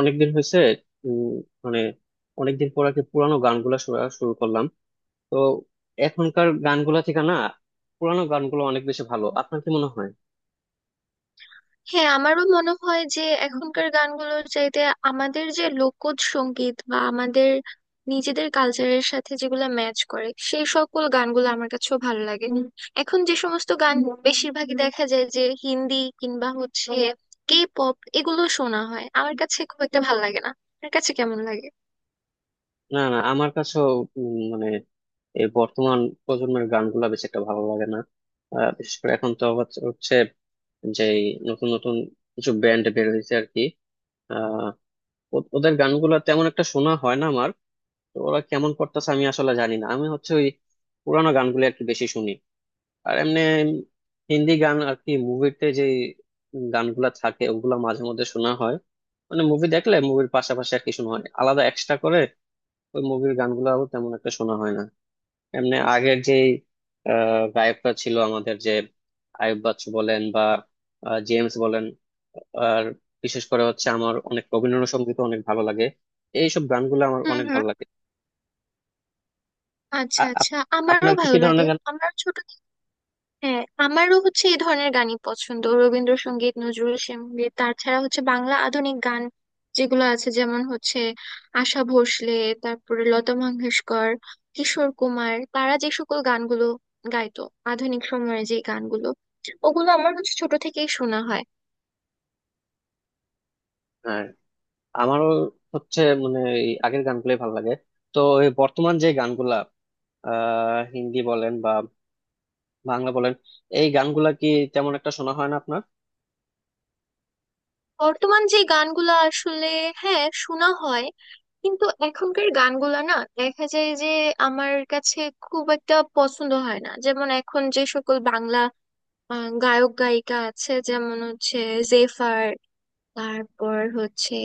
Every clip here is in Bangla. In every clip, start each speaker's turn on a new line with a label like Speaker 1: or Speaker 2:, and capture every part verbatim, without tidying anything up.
Speaker 1: অনেকদিন হয়েছে। উম, মানে অনেকদিন পর আর কি পুরানো গানগুলা শোনা শুরু করলাম। তো এখনকার গানগুলা থেকে না, পুরানো গানগুলো অনেক বেশি ভালো, আপনার কি মনে হয়?
Speaker 2: হ্যাঁ, আমারও মনে হয় যে এখনকার গানগুলোর চাইতে আমাদের যে লোকজ সঙ্গীত বা আমাদের নিজেদের কালচারের সাথে যেগুলো ম্যাচ করে সেই সকল গানগুলো আমার কাছেও ভালো লাগে হুম। এখন যে সমস্ত গান হুম। বেশিরভাগই দেখা যায় যে হিন্দি কিংবা হচ্ছে কে পপ, এগুলো শোনা হয়, আমার কাছে খুব একটা ভালো লাগে না। আপনার কাছে কেমন লাগে?
Speaker 1: না না, আমার কাছেও উম, মানে এই বর্তমান প্রজন্মের গানগুলা বেশি একটা ভালো লাগে না। আহ, বিশেষ করে এখন তো হচ্ছে হচ্ছে যে এই নতুন নতুন কিছু ব্যান্ড বের হয়েছে আর কি। আহ ও- ওদের গানগুলা তেমন একটা শোনা হয় না আমার। তো ওরা কেমন করতেছে আমি আসলে জানি না, আমি হচ্ছে ওই পুরানো গানগুলো আর কি বেশি শুনি। আর এমনি হিন্দি গান আর কি মুভিতে যে গানগুলা থাকে ওগুলা মাঝে মধ্যে শোনা হয়। মানে মুভি দেখলে মুভির পাশাপাশি আর কি শোনা হয় আলাদা এক্সট্রা করে। ওই মুভির গানগুলো তেমন একটা শোনা হয় না। এমনি আগের যে আহ, গায়করা ছিল আমাদের, যে আয়ুব বাচ্চু বলেন বা আহ, জেমস বলেন। আর বিশেষ করে হচ্ছে আমার অনেক রবীন্দ্রসঙ্গীত অনেক ভালো লাগে। এইসব গানগুলো আমার
Speaker 2: হুম,
Speaker 1: অনেক
Speaker 2: হুম।
Speaker 1: ভালো লাগে।
Speaker 2: আচ্ছা,
Speaker 1: আ- আপ-
Speaker 2: আচ্ছা, আমারও
Speaker 1: আপনার কি
Speaker 2: ভালো
Speaker 1: কি
Speaker 2: লাগে।
Speaker 1: ধরনের গান?
Speaker 2: আমার ছোট হ্যাঁ, আমারও হচ্ছে এই ধরনের গানই পছন্দ। রবীন্দ্রসঙ্গীত, নজরুল সঙ্গীত, তাছাড়া হচ্ছে বাংলা আধুনিক গান যেগুলো আছে, যেমন হচ্ছে আশা ভোসলে, তারপরে লতা মঙ্গেশকর, কিশোর কুমার, তারা যে সকল গানগুলো গাইতো, আধুনিক সময়ের যে গানগুলো, ওগুলো আমার হচ্ছে ছোট থেকেই শোনা হয়।
Speaker 1: হ্যাঁ, আমারও হচ্ছে মানে এই আগের গানগুলোই ভালো লাগে। তো এই বর্তমান যে গানগুলা, আহ হিন্দি বলেন বা বাংলা বলেন, এই গানগুলা কি তেমন একটা শোনা হয় না আপনার?
Speaker 2: বর্তমান যে গানগুলো আসলে, হ্যাঁ, শোনা হয় কিন্তু এখনকার গানগুলো না, দেখা যায় যে আমার কাছে খুব একটা পছন্দ হয় না। যেমন এখন যে সকল বাংলা আহ, গায়ক গায়িকা আছে, যেমন হচ্ছে জেফার, তারপর হচ্ছে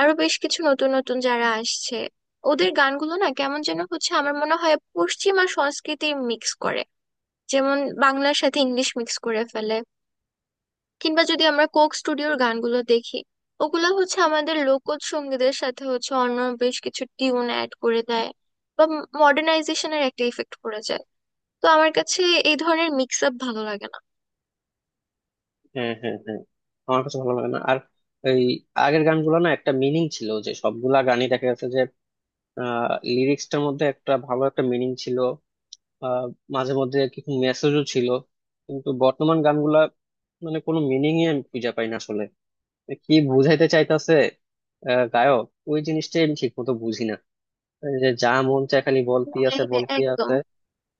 Speaker 2: আরো বেশ কিছু নতুন নতুন যারা আসছে, ওদের গানগুলো না কেমন যেন হচ্ছে, আমার মনে হয় পশ্চিমা সংস্কৃতি মিক্স করে। যেমন বাংলার সাথে ইংলিশ মিক্স করে ফেলে, কিংবা যদি আমরা কোক স্টুডিওর গানগুলো দেখি, ওগুলো হচ্ছে আমাদের লোকজ সঙ্গীতের সাথে হচ্ছে অন্য বেশ কিছু টিউন অ্যাড করে দেয়, বা মডার্নাইজেশনের একটা ইফেক্ট পড়ে যায়। তো আমার কাছে এই ধরনের মিক্স আপ ভালো লাগে না।
Speaker 1: হ্যাঁ হ্যাঁ হ্যাঁ, আমার কাছে ভালো লাগে না। আর এই আগের গানগুলো না একটা মিনিং ছিল, যে সবগুলা গানই দেখা গেছে যে আহ লিরিক্সটার মধ্যে একটা ভালো একটা মিনিং ছিল। আহ মাঝে মধ্যে কিছু মেসেজও ছিল। কিন্তু বর্তমান গানগুলা মানে কোনো মিনিংই আমি খুঁজে পাই না আসলে। কি বুঝাইতে চাইতেছে গায়ক, ওই জিনিসটাই আমি ঠিক মতো বুঝি না। এই যে যা মন চায় খালি বলতি আছে
Speaker 2: হ্যাঁ, হ্যাঁ,
Speaker 1: বলতি
Speaker 2: একদম।
Speaker 1: আছে।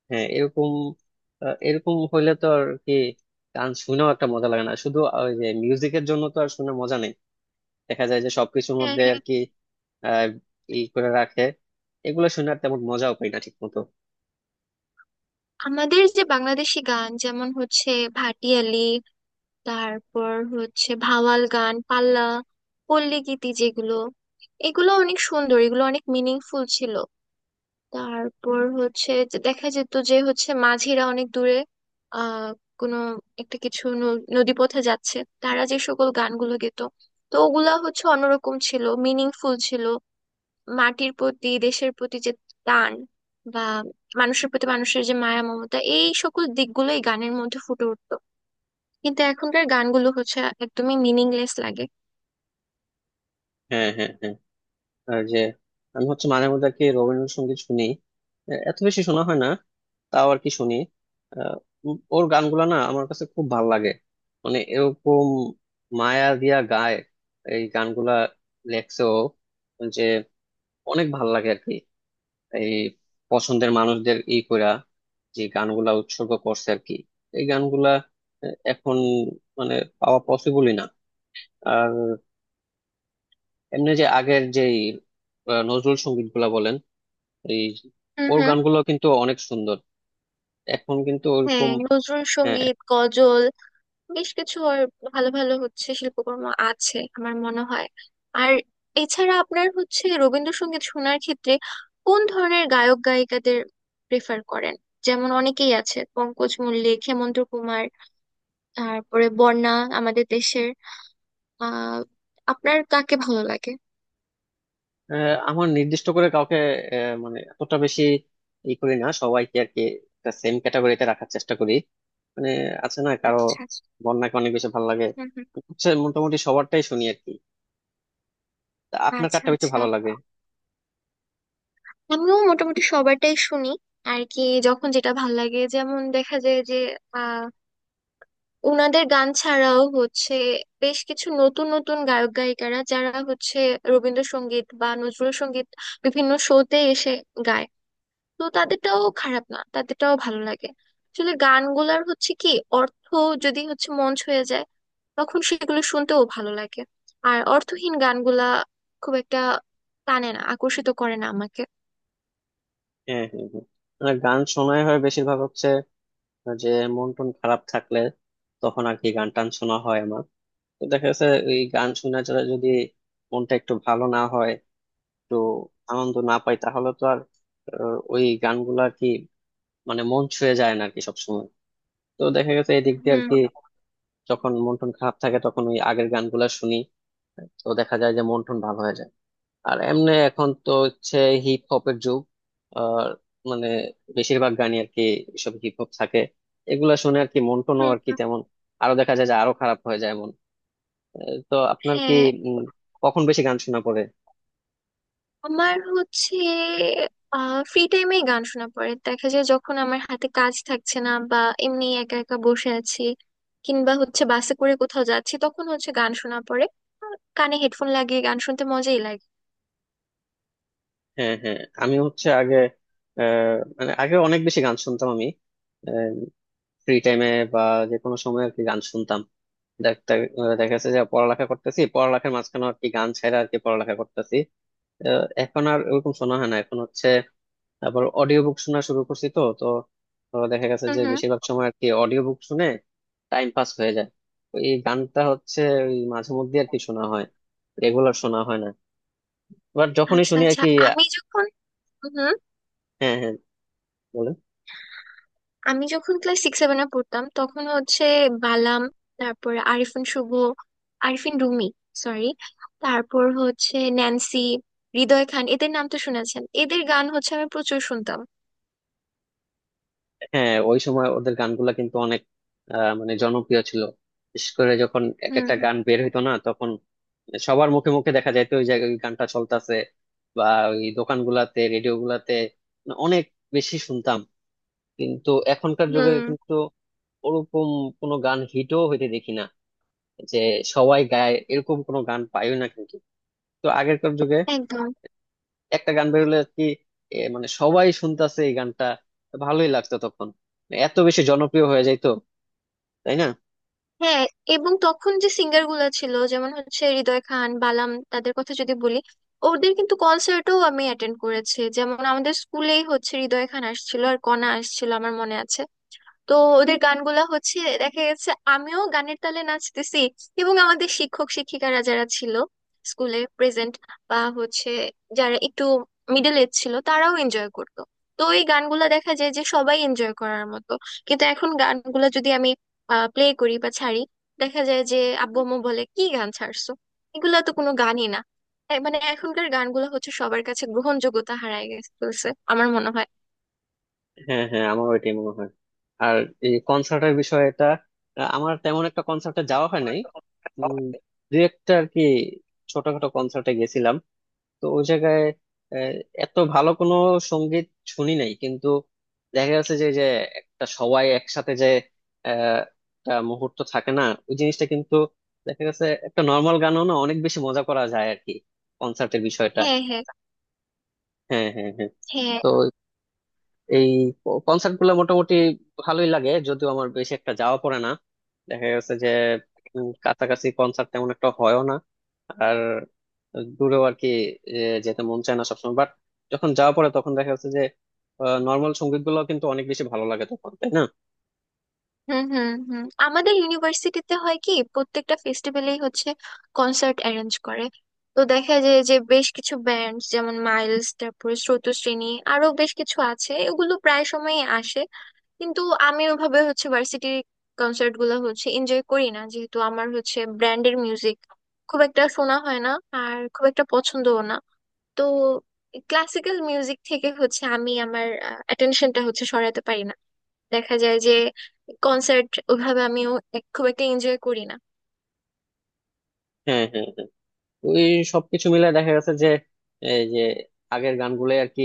Speaker 1: হ্যাঁ এরকম, আহ, এরকম হইলে তো আর কি গান শুনেও একটা মজা লাগে না, শুধু ওই যে মিউজিকের জন্য তো আর শুনে মজা নেই। দেখা যায় যে সবকিছুর
Speaker 2: হ্যাঁ,
Speaker 1: মধ্যে আর
Speaker 2: হ্যাঁ।
Speaker 1: কি আহ ই করে রাখে, এগুলো শুনে আর তেমন মজাও পাই না ঠিক মতো।
Speaker 2: আমাদের যে বাংলাদেশি গান, যেমন হচ্ছে ভাটিয়ালি, তারপর হচ্ছে ভাওয়াল গান, পাল্লা, পল্লী গীতি যেগুলো, এগুলো অনেক সুন্দর, এগুলো অনেক মিনিংফুল ছিল। তারপর হচ্ছে যে দেখা যেত যে হচ্ছে মাঝিরা অনেক দূরে আহ কোনো একটা কিছু ন- নদীপথে যাচ্ছে, তারা যে সকল গানগুলো গেতো, তো ওগুলা হচ্ছে অন্যরকম ছিল, মিনিংফুল ছিল। মাটির প্রতি, দেশের প্রতি যে টান, বা মানুষের প্রতি মানুষের যে মায়া মমতা, এই সকল দিকগুলোই গানের মধ্যে ফুটে উঠতো। কিন্তু এখনকার গানগুলো হচ্ছে একদমই মিনিংলেস লাগে।
Speaker 1: হ্যাঁ হ্যাঁ হ্যাঁ, আর যে আমি হচ্ছে মাঝে মধ্যে আর কি রবীন্দ্রসঙ্গীত শুনি, আহ, এত বেশি শোনা হয় না। তাও আর কি শুনি। আহ, উম, ওর গানগুলা না আমার কাছে খুব ভাল লাগে। মানে এরকম মায়া দিয়া গায় এই গানগুলা, লেখছে ও, যে অনেক ভাল লাগে আর কি। এই পছন্দের মানুষদের ই কইরা যে গানগুলা উৎসর্গ করছে আর কি, এই গানগুলা আহ, এখন মানে পাওয়া পসিবলই না। আর এমনি যে আগের যেই আহ, নজরুল সঙ্গীত গুলা বলেন, এই
Speaker 2: হুম,
Speaker 1: ওর
Speaker 2: হুম।
Speaker 1: গানগুলো কিন্তু অনেক সুন্দর। এখন কিন্তু
Speaker 2: হ্যাঁ,
Speaker 1: ওরকম
Speaker 2: নজরুল
Speaker 1: আহ,
Speaker 2: সঙ্গীত, গজল বেশ কিছু, আর ভালো ভালো হচ্ছে শিল্পকর্ম আছে আমার মনে হয়। আর এছাড়া আপনার হচ্ছে রবীন্দ্রসঙ্গীত শোনার ক্ষেত্রে কোন ধরনের গায়ক গায়িকাদের প্রেফার করেন? যেমন অনেকেই আছে, পঙ্কজ মল্লিক, হেমন্ত কুমার, তারপরে বন্যা, আমাদের দেশের, আহ আপনার কাকে ভালো লাগে?
Speaker 1: আহ, আমার নির্দিষ্ট করে কাউকে আহ, মানে এতটা বেশি ই করি না, সবাইকে আর কি একটা সেম ক্যাটাগরিতে রাখার চেষ্টা করি। মানে আছে না কারো,
Speaker 2: আচ্ছা, আচ্ছা।
Speaker 1: বন্যাকে অনেক বেশি ভালো লাগে।
Speaker 2: হুম, হুম।
Speaker 1: হচ্ছে মোটামুটি সবারটাই শুনি আর কি। তা আপনার
Speaker 2: আচ্ছা,
Speaker 1: কারটা বেশি
Speaker 2: আচ্ছা,
Speaker 1: ভালো লাগে?
Speaker 2: আমিও মোটামুটি সবারটাই শুনি আর কি। যখন যেটা ভালো লাগে, যেমন দেখা যায় যে, আহ, ওনাদের গান ছাড়াও হচ্ছে বেশ কিছু নতুন নতুন গায়ক গায়িকারা যারা হচ্ছে রবীন্দ্রসঙ্গীত বা নজরুল সঙ্গীত বিভিন্ন শোতে এসে গায়, তো তাদেরটাও খারাপ না, তাদেরটাও ভালো লাগে। আসলে গানগুলার হচ্ছে কি, অর্থ যদি হচ্ছে মন ছুঁয়ে যায়, তখন সেগুলো শুনতেও ভালো লাগে। আর অর্থহীন গানগুলা খুব একটা টানে না, আকর্ষিত করে না আমাকে।
Speaker 1: হ্যাঁ হ্যাঁ হ্যাঁ, মানে গান শোনাই হয় বেশিরভাগ হচ্ছে যে মন টন খারাপ থাকলে, তখন আর কি গান টান শোনা হয় আমার। তো দেখা যাচ্ছে এই গান শোনা ছাড়া যদি মনটা একটু ভালো না হয়, একটু আনন্দ না পাই, তাহলে তো আর আহ, ওই গানগুলো আর কি মানে মন ছুঁয়ে যায় না আর কি সবসময়। তো দেখা গেছে এই দিক দিয়ে আর
Speaker 2: হুম,
Speaker 1: কি, যখন মন টন খারাপ থাকে তখন ওই আগের গানগুলা শুনি, তো দেখা যায় যে মন টন ভালো হয়ে যায়। আর এমনি এখন তো হচ্ছে হিপ হপের যুগ। আর মানে বেশিরভাগ গানই আর কি সব হিপ হপ থাকে, এগুলা শুনে আর কি মন টনও
Speaker 2: হুম,
Speaker 1: আর কি
Speaker 2: হুম।
Speaker 1: তেমন, আরো দেখা যায় যে আরো খারাপ হয়ে যায় মন। তো আপনার কি
Speaker 2: হ্যাঁ।
Speaker 1: উম, কখন বেশি গান শোনা পড়ে?
Speaker 2: আমার হচ্ছে ফ্রি টাইমে গান শোনা পড়ে, দেখা যায় যখন আমার হাতে কাজ থাকছে না, বা এমনি একা একা বসে আছি, কিংবা হচ্ছে বাসে করে কোথাও যাচ্ছি, তখন হচ্ছে গান শোনা পড়ে। আর কানে হেডফোন লাগিয়ে গান শুনতে মজাই লাগে।
Speaker 1: হ্যাঁ হ্যাঁ, আমি হচ্ছে আগে আহ, মানে আগে অনেক বেশি গান শুনতাম আমি, ফ্রি টাইমে বা যে কোনো সময় আর কি গান শুনতাম। দেখতে আহ, দেখা যাচ্ছে যে পড়ালেখা করতেছি, পড়ালেখার মাঝখানে আর কি গান ছাড়া আর কি পড়ালেখা করতেছি। আহ, এখন আর ওরকম শোনা হয় না, এখন হচ্ছে আবার অডিও বুক শোনা শুরু করছি। তো তো তো দেখা গেছে
Speaker 2: হুম,
Speaker 1: যে
Speaker 2: হুম।
Speaker 1: বেশিরভাগ সময় আর কি অডিও বুক শুনে টাইম পাস হয়ে যায়। তো এই গানটা হচ্ছে ওই মাঝে মধ্যে আর কি শোনা হয়, রেগুলার শোনা হয় না। বাট যখনই
Speaker 2: আচ্ছা,
Speaker 1: শুনি আর
Speaker 2: আচ্ছা।
Speaker 1: কি,
Speaker 2: আমি যখন, হুম, হুম,
Speaker 1: হ্যাঁ হ্যাঁ, বলেন।
Speaker 2: আমি যখন ক্লাস সিক্স সেভেনে পড়তাম তখন হচ্ছে বালাম, তারপর আরিফিন শুভ, আরিফিন রুমি, সরি, তারপর হচ্ছে ন্যান্সি, হৃদয় খান, এদের নাম তো শুনেছেন, এদের গান হচ্ছে আমি প্রচুর শুনতাম।
Speaker 1: হ্যাঁ, ওই সময় ওদের গানগুলা কিন্তু অনেক আহ, মানে জনপ্রিয় ছিল। বিশেষ করে যখন এক একটা
Speaker 2: হুম,
Speaker 1: গান বের হইতো না, তখন সবার মুখে মুখে দেখা যাইতো ওই জায়গায় ওই গানটা চলতেছে, বা ওই দোকানগুলাতে রেডিও গুলাতে মানে অনেক বেশি শুনতাম। কিন্তু এখনকার যুগে
Speaker 2: হুম।
Speaker 1: কিন্তু ওরকম কোনো গান হিটও হইতে দেখি না, যে সবাই গায় এরকম কোনো গান পাইও না কিন্তু। তো আগেরকার যুগে
Speaker 2: একদম।
Speaker 1: একটা গান বেরোলে আর কি, এ, মানে সবাই শুনতাছে এই গানটা, ভালোই লাগতো তখন। এত বেশি জনপ্রিয় হয়ে যাইতো, তাই না?
Speaker 2: হ্যাঁ। এবং তখন যে সিঙ্গার গুলা ছিল, যেমন হচ্ছে হৃদয় খান, বালাম, তাদের কথা যদি বলি, ওদের কিন্তু কনসার্টও আমি অ্যাটেন্ড করেছি। যেমন আমাদের স্কুলেই হচ্ছে হৃদয় খান আসছিল আর কণা আসছিল, আমার মনে আছে। তো ওদের গানগুলা হচ্ছে দেখা গেছে আমিও গানের তালে নাচতেছি, এবং আমাদের শিক্ষক শিক্ষিকারা যারা ছিল স্কুলে প্রেজেন্ট, বা হচ্ছে যারা একটু মিডল এজ ছিল, তারাও এনজয় করতো। তো এই গানগুলা দেখা যায় যে সবাই এনজয় করার মতো। কিন্তু এখন গানগুলা যদি আমি প্লে করি বা ছাড়ি, দেখা যায় যে আব্বু আম্মু বলে কি গান ছাড়ছো, এগুলা তো কোনো গানই না। এ- মানে এখনকার গানগুলো হচ্ছে সবার কাছে গ্রহণযোগ্যতা হারায় গেছে ফেলছে, আমার মনে হয়।
Speaker 1: হ্যাঁ হ্যাঁ, আমার ওইটাই মনে হয়। আর এই কনসার্টের বিষয়টা, আহ, আমার তেমন একটা কনসার্টে যাওয়া হয় নাই। উম, দু একটা আর কি ছোটখাটো কনসার্টে গেছিলাম। তো ওই জায়গায় আহ, এত ভালো কোনো সঙ্গীত শুনি নাই, কিন্তু দেখা যাচ্ছে যে যে একটা সবাই একসাথে যে আহ, একটা মুহূর্ত থাকে না ওই জিনিসটা, কিন্তু দেখা গেছে একটা নর্মাল গানও না, অনেক বেশি মজা করা যায় আর কি কনসার্টের বিষয়টা।
Speaker 2: হ্যাঁ, হ্যাঁ,
Speaker 1: হ্যাঁ হ্যাঁ হ্যাঁ,
Speaker 2: হ্যাঁ।
Speaker 1: তো এই কনসার্ট গুলো মোটামুটি ভালোই লাগে, যদিও আমার বেশি একটা যাওয়া পড়ে না। দেখা গেছে যে উম, কাছাকাছি কনসার্ট তেমন একটা হয়ও না। আর দূরেও আর কি এ, যেতে মন চায় না সবসময়। বাট যখন যাওয়া পড়ে, তখন দেখা যাচ্ছে যে নর্মাল সঙ্গীত গুলো কিন্তু অনেক বেশি ভালো লাগে তখন, তাই না?
Speaker 2: হুম, হুম, হুম। আমাদের ইউনিভার্সিটিতে হয় কি, প্রত্যেকটা ফেস্টিভ্যালেই হচ্ছে কনসার্ট অ্যারেঞ্জ করে। তো দেখা যায় যে বেশ কিছু ব্যান্ড, যেমন মাইলস, তারপরে স্রোতশ্রেণী, আরো বেশ কিছু আছে, এগুলো প্রায় সময়ই আসে। কিন্তু আমি ওভাবে হচ্ছে ভার্সিটির কনসার্ট গুলো হচ্ছে এনজয় করি না, যেহেতু আমার হচ্ছে ব্র্যান্ডের মিউজিক খুব একটা শোনা হয় না আর খুব একটা পছন্দও না। তো ক্লাসিক্যাল মিউজিক থেকে হচ্ছে আমি আমার অ্যাটেনশনটা হচ্ছে সরাতে পারি না। দেখা যায় যে কনসার্ট ওইভাবে আমিও এক- খুব একটা এনজয় করি না।
Speaker 1: হ্যাঁ হ্যাঁ, ওই সবকিছু মিলে দেখা গেছে যে এই যে আগের গানগুলো আর কি,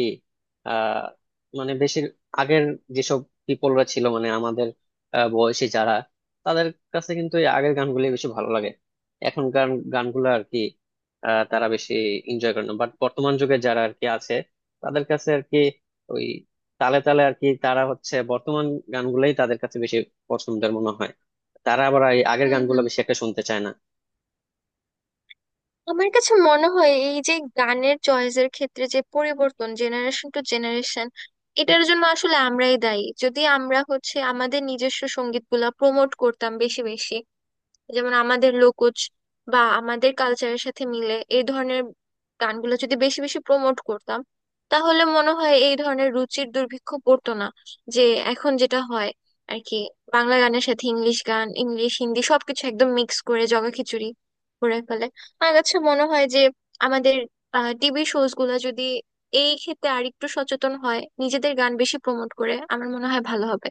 Speaker 1: আহ মানে বেশি আগের যেসব পিপলরা ছিল, মানে আমাদের আহ, বয়সী যারা, তাদের কাছে কিন্তু এই আগের গানগুলি বেশি ভালো লাগে। এখনকার গানগুলো আর কি আহ, তারা বেশি এনজয় করে না। বাট বর্তমান যুগে যারা আর কি আছে, তাদের কাছে আর কি ওই তালে তালে আর কি তারা হচ্ছে বর্তমান গানগুলোই তাদের কাছে বেশি পছন্দের মনে হয়। তারা আবার এই আগের
Speaker 2: হুম,
Speaker 1: গানগুলো
Speaker 2: হুম।
Speaker 1: বেশি একটা শুনতে চায় না।
Speaker 2: আমার কাছে মনে হয় এই যে গানের চয়েসের ক্ষেত্রে যে পরিবর্তন জেনারেশন টু জেনারেশন, এটার জন্য আসলে আমরাই দায়ী। যদি আমরা হচ্ছে আমাদের নিজস্ব সঙ্গীতগুলা প্রমোট করতাম বেশি বেশি, যেমন আমাদের লোকজ বা আমাদের কালচারের সাথে মিলে এই ধরনের গানগুলো যদি বেশি বেশি প্রমোট করতাম, তাহলে মনে হয় এই ধরনের রুচির দুর্ভিক্ষ পড়তো না। যে এখন যেটা হয় আর কি, বাংলা গানের সাথে ইংলিশ গান, ইংলিশ হিন্দি সবকিছু একদম মিক্স করে জগা খিচুড়ি করে ফেলে। আমার কাছে মনে হয় যে আমাদের টিভি শোজ গুলো যদি এই ক্ষেত্রে আরেকটু সচেতন হয়, নিজেদের গান বেশি প্রমোট করে, আমার মনে হয় ভালো হবে।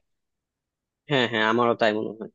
Speaker 1: হ্যাঁ হ্যাঁ, আমারও তাই মনে হয়।